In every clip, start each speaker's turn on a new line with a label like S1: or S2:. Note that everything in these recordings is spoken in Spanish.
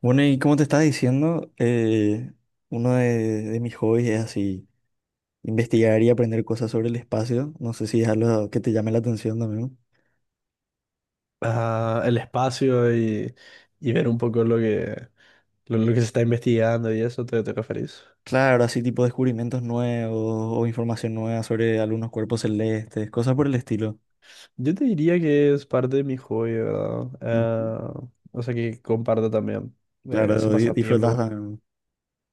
S1: Bueno, y como te estaba diciendo, uno de mis hobbies es así, investigar y aprender cosas sobre el espacio. No sé si es algo que te llame la atención también.
S2: El espacio y ver un poco lo lo que se está investigando y eso, ¿te, te referís?
S1: Claro, así tipo descubrimientos nuevos o información nueva sobre algunos cuerpos celestes, cosas por el estilo.
S2: Yo te diría que es parte de mi hobby, ¿verdad?
S1: Ujú.
S2: O sea que comparto también ese
S1: Claro, disfrutas
S2: pasatiempo.
S1: también.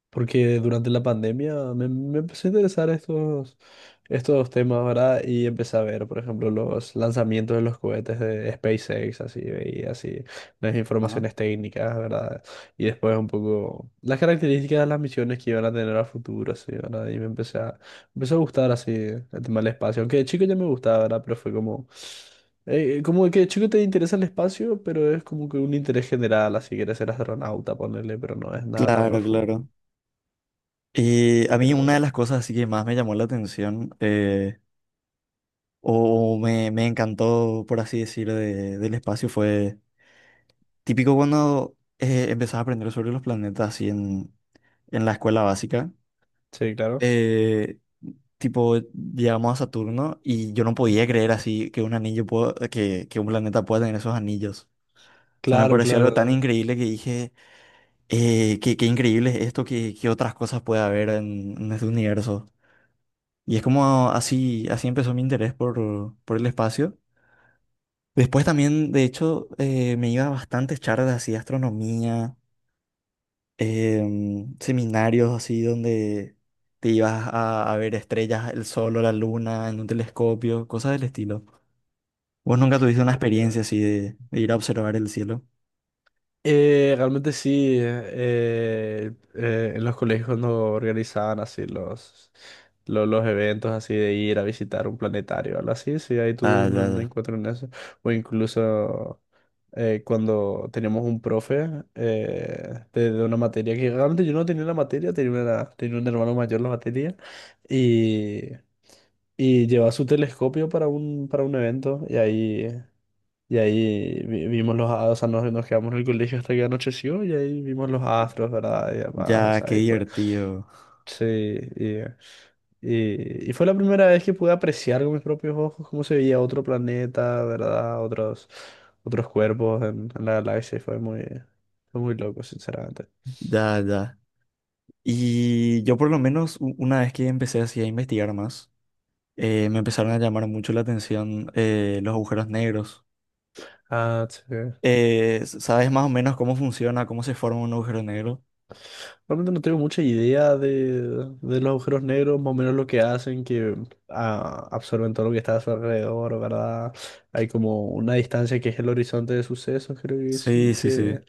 S2: Porque durante la pandemia me empezó a interesar estos temas, ¿verdad? Y empecé a ver, por ejemplo, los lanzamientos de los cohetes de SpaceX, así, y así, las
S1: Ajá.
S2: informaciones técnicas, ¿verdad? Y después un poco las características de las misiones que iban a tener a futuro, así, ¿verdad? Empezó a gustar así el tema del espacio, aunque de chico ya me gustaba, ¿verdad? Pero fue como que de chico te interesa el espacio, pero es como que un interés general, así, quieres ser astronauta, ponerle, pero no es nada tan
S1: Claro,
S2: profundo.
S1: claro. Y a mí una de las
S2: Pero
S1: cosas así que más me llamó la atención o, o me encantó, por así decir, del espacio fue. Típico cuando empezás a aprender sobre los planetas así en la escuela básica.
S2: sí, claro.
S1: Eh, tipo llegamos a Saturno y yo no podía creer así que un anillo que un planeta pueda tener esos anillos. O sea, me
S2: Claro,
S1: pareció algo tan
S2: claro.
S1: increíble que dije, qué, qué increíble es esto, qué, qué otras cosas puede haber en este universo. Y es como así, así empezó mi interés por el espacio. Después también, de hecho, me iba a bastantes charlas así de astronomía, seminarios así donde te ibas a ver estrellas, el sol o la luna en un telescopio, cosas del estilo. ¿Vos nunca tuviste una experiencia así de ir a observar el cielo?
S2: Realmente sí, en los colegios cuando organizaban así eventos así de ir a visitar un planetario, algo así, sí, ahí tuve
S1: Ah, ya,
S2: un
S1: ya.
S2: encuentro en eso. O incluso cuando teníamos un profe de una materia que realmente yo no tenía la materia, tenía un hermano mayor la materia y, y llevaba su telescopio para para un evento y ahí... Y ahí vimos los astros, o sea, nos quedamos en el colegio hasta que anocheció y ahí vimos los astros, ¿verdad? Y demás, o
S1: Ya,
S2: sea,
S1: qué
S2: ahí fue.
S1: divertido.
S2: Sí, y, y fue la primera vez que pude apreciar con mis propios ojos cómo se veía otro planeta, ¿verdad? Otros cuerpos en la galaxia y fue fue muy loco, sinceramente.
S1: Ya, ya. Y yo por lo menos una vez que empecé así a investigar más, me empezaron a llamar mucho la atención, los agujeros negros.
S2: Ah, sí.
S1: ¿Sabes más o menos cómo funciona, cómo se forma un agujero negro?
S2: Realmente no tengo mucha idea de los agujeros negros, más o menos lo que hacen, que absorben todo lo que está a su alrededor, ¿verdad? Hay como una distancia que es el horizonte de sucesos, creo que
S1: Sí,
S2: sí,
S1: sí,
S2: que...
S1: sí.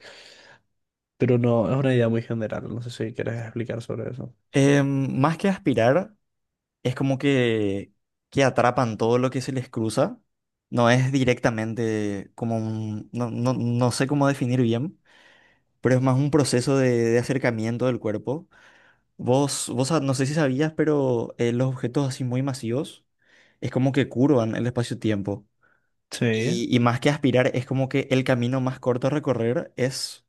S2: Pero no, es una idea muy general, no sé si quieres explicar sobre eso.
S1: Más que aspirar, es como que atrapan todo lo que se les cruza. No es directamente como un, no, no sé cómo definir bien, pero es más un proceso de acercamiento del cuerpo. No sé si sabías, pero los objetos así muy masivos es como que curvan el espacio-tiempo.
S2: Sí,
S1: Y más que aspirar, es como que el camino más corto a recorrer es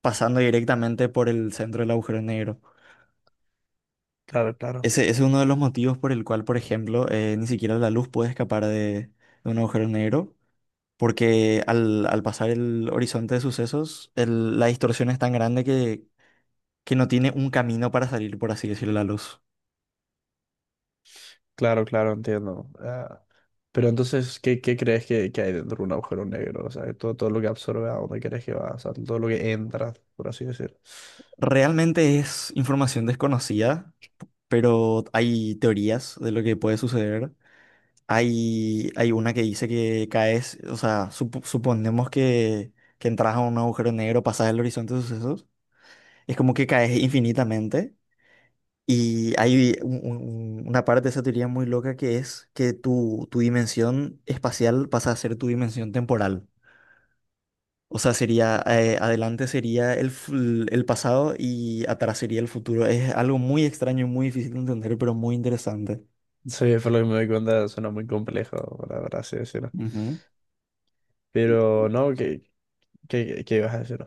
S1: pasando directamente por el centro del agujero negro.
S2: claro, claro.
S1: Ese es uno de los motivos por el cual, por ejemplo, ni siquiera la luz puede escapar de un agujero negro, porque al, al pasar el horizonte de sucesos, la distorsión es tan grande que no tiene un camino para salir, por así decirlo, la luz.
S2: Claro, claro, entiendo. Pero entonces, ¿qué, qué crees que hay dentro de un agujero negro? O sea, todo, todo lo que absorbe, ¿a dónde crees que va? O sea, todo lo que entra, por así decir.
S1: Realmente es información desconocida, pero hay teorías de lo que puede suceder. Hay una que dice que caes, o sea, suponemos que entras a un agujero negro, pasas el horizonte de sucesos, es como que caes infinitamente. Y hay una parte de esa teoría muy loca que es que tu dimensión espacial pasa a ser tu dimensión temporal. O sea, sería, adelante sería el pasado y atrás sería el futuro. Es algo muy extraño y muy difícil de entender, pero muy interesante.
S2: Sí, por lo que me doy cuenta, suena muy complejo, para así decirlo.
S1: Ujú. Y
S2: Pero no, ¿qué, qué, qué ibas a decir?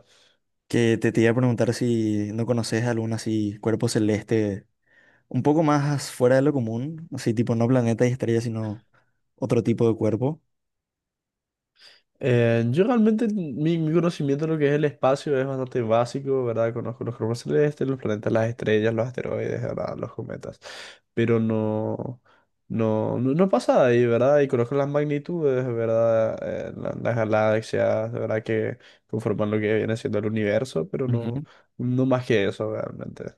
S1: Que te iba a preguntar si no conoces algún así cuerpo celeste un poco más fuera de lo común, así tipo no planeta y estrella, sino otro tipo de cuerpo.
S2: Yo realmente mi conocimiento de lo que es el espacio es bastante básico, ¿verdad? Conozco los cuerpos celestes, los planetas, las estrellas, los asteroides, ¿verdad? Los cometas, pero no pasa de ahí, ¿verdad? Y conozco las magnitudes, ¿verdad? Las galaxias, ¿verdad? Que conforman lo que viene siendo el universo, pero
S1: Ujú.
S2: no, no más que eso, realmente,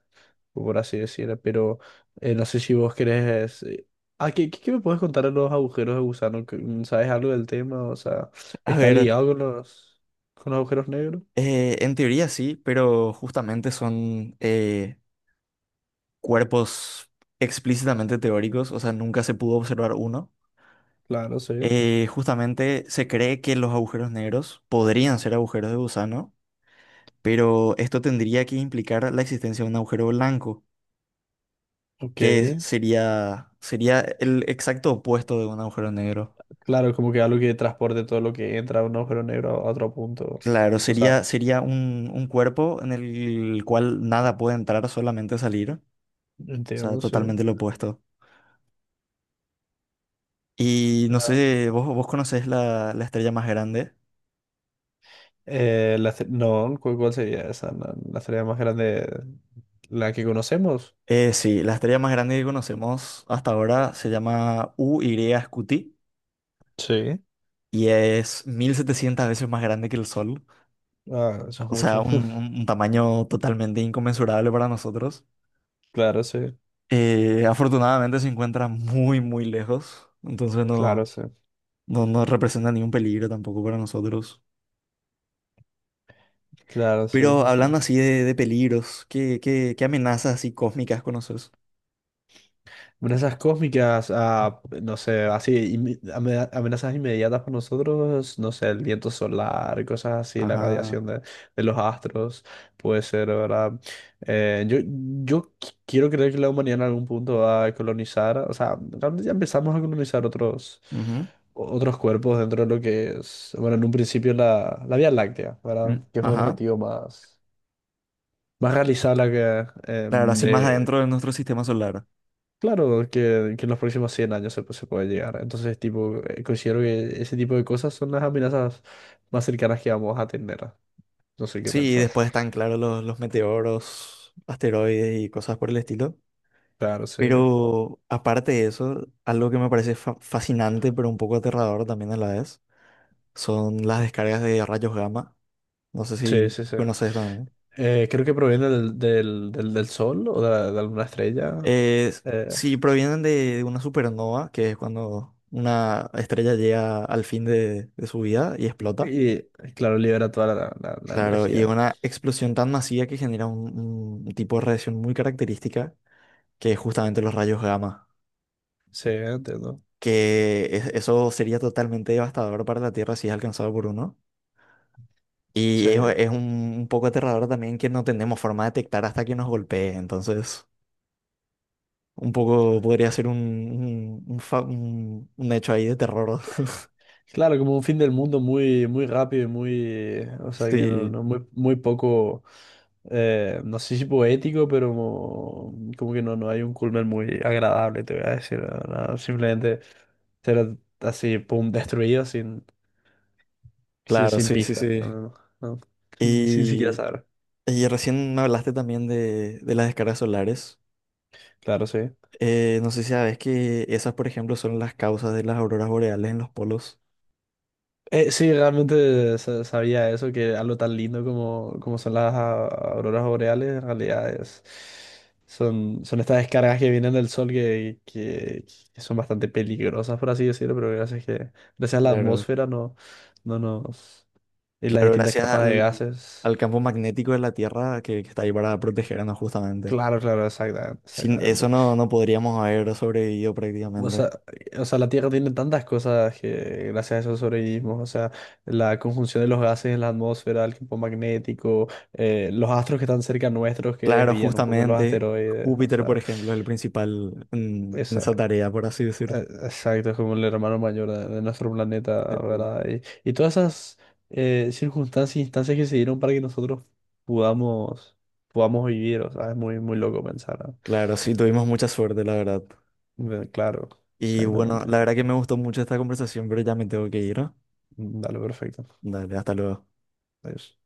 S2: por así decirlo. Pero no sé si vos querés... ¿qué, qué me puedes contar de los agujeros de gusano? ¿Sabes algo del tema? O sea...
S1: A
S2: Está
S1: ver.
S2: ligado con con los agujeros negros.
S1: En teoría sí, pero justamente son, cuerpos explícitamente teóricos, o sea, nunca se pudo observar uno.
S2: Claro, sí.
S1: Justamente se cree que los agujeros negros podrían ser agujeros de gusano, pero esto tendría que implicar la existencia de un agujero blanco,
S2: Ok.
S1: que sería, sería el exacto opuesto de un agujero negro.
S2: Claro, como que algo que transporte todo lo que entra de un agujero negro a otro punto.
S1: Claro,
S2: O sea,
S1: sería, sería un cuerpo en el cual nada puede entrar, solamente salir, o sea,
S2: entiendo, sí.
S1: totalmente lo opuesto. Y no
S2: Ah,
S1: sé, vos, vos conocés la, la estrella más grande.
S2: no, ¿cuál sería esa? La estrella más grande, la que conocemos.
S1: Sí, la estrella más grande que conocemos hasta ahora se llama U UY Scuti
S2: Sí.
S1: y es 1.700 veces más grande que el Sol.
S2: Ah, eso es
S1: O sea,
S2: mucho.
S1: un, un- un tamaño totalmente inconmensurable para nosotros.
S2: Claro, sí.
S1: Afortunadamente se encuentra muy, muy lejos, entonces no,
S2: Claro, sí.
S1: no representa ningún peligro tampoco para nosotros.
S2: Claro, sí,
S1: Pero
S2: sí, sí.
S1: hablando así de peligros, ¿qué, qué, qué amenazas así cósmicas conoces?
S2: Amenazas cósmicas, ah, no sé, así, amenazas inmediatas para nosotros, no sé, el viento solar, cosas así, la
S1: Ajá.
S2: radiación de los astros, puede ser, ¿verdad? Eh, yo, yo quiero creer que la humanidad en algún punto va a colonizar, o sea, realmente ya empezamos a colonizar otros,
S1: Ujú.
S2: otros cuerpos dentro de lo que es, bueno, en un principio la Vía Láctea, ¿verdad?
S1: Mm.
S2: Que es un
S1: Ajá.
S2: objetivo más, más realizable que, eh,
S1: Claro, así más adentro de
S2: de,
S1: nuestro sistema solar.
S2: Claro, que en los próximos 100 años se puede llegar. Entonces, tipo, considero que ese tipo de cosas son las amenazas más cercanas que vamos a tener. No sé qué
S1: Sí, y
S2: pensás.
S1: después están, claro, los meteoros, asteroides y cosas por el estilo.
S2: Claro, sí.
S1: Pero aparte de eso, algo que me parece fascinante, pero un poco aterrador también a la vez, son las descargas de rayos gamma. No sé
S2: Sí,
S1: si
S2: sí, sí.
S1: conoces también.
S2: Creo que proviene del sol o de alguna estrella.
S1: Es-
S2: Eh,
S1: si provienen de una supernova, que es cuando una estrella llega al fin de su vida y explota.
S2: y, claro, libera toda la
S1: Claro, y es
S2: energía.
S1: una explosión tan masiva que genera un tipo de radiación muy característica, que es justamente los rayos gamma,
S2: Sí, entiendo.
S1: eso sería totalmente devastador para la Tierra si es alcanzado por uno. Y
S2: Sí.
S1: es un poco aterrador también que no tenemos forma de detectar hasta que nos golpee, entonces un poco podría ser un hecho ahí de terror.
S2: Claro, como un fin del mundo muy, muy rápido y muy, o sea, que no,
S1: Sí,
S2: no muy, muy poco, no sé si poético, pero como, como que no, no hay un culmen muy agradable, te voy a decir, no, no, simplemente ser así, pum, destruido sin,
S1: claro,
S2: sin
S1: sí, sí,
S2: pista,
S1: sí.
S2: no, sin, sin siquiera
S1: Y,
S2: saber.
S1: y recién me hablaste también de las descargas solares.
S2: Claro, sí.
S1: No sé si sabes que esas, por ejemplo, son las causas de las auroras boreales en los polos.
S2: Sí, realmente sabía eso, que algo tan lindo como, como son auroras boreales, en realidad es, son, son estas descargas que vienen del sol que son bastante peligrosas, por así decirlo, pero gracias que, gracias a la
S1: Claro.
S2: atmósfera no, no nos, y las
S1: Claro,
S2: distintas
S1: gracias
S2: capas de
S1: al,
S2: gases.
S1: al campo magnético de la Tierra que está ahí para protegernos justamente.
S2: Claro, claro, exactamente,
S1: Sin eso
S2: exactamente.
S1: no, no podríamos haber sobrevivido
S2: O
S1: prácticamente.
S2: sea, o sea, la Tierra tiene tantas cosas que gracias a eso sobrevivimos. O sea, la conjunción de los gases en la atmósfera, el campo magnético, los astros que están cerca nuestros que
S1: Claro,
S2: desvían un poco los
S1: justamente
S2: asteroides. O
S1: Júpiter, por
S2: sea,
S1: ejemplo, es el principal en
S2: esa-
S1: esa tarea, por así decirlo.
S2: exacto, es como el hermano mayor de nuestro planeta,
S1: Eh,
S2: ¿verdad? Y todas esas circunstancias e instancias que se dieron para que nosotros podamos, podamos vivir. O sea, es muy, muy loco pensar. ¿No?
S1: Claro, sí, tuvimos mucha suerte, la verdad.
S2: Claro,
S1: Y bueno,
S2: exactamente.
S1: la verdad que me gustó mucho esta conversación, pero ya me tengo que ir, ¿no?
S2: Dale, perfecto.
S1: Dale, hasta luego.
S2: Adiós.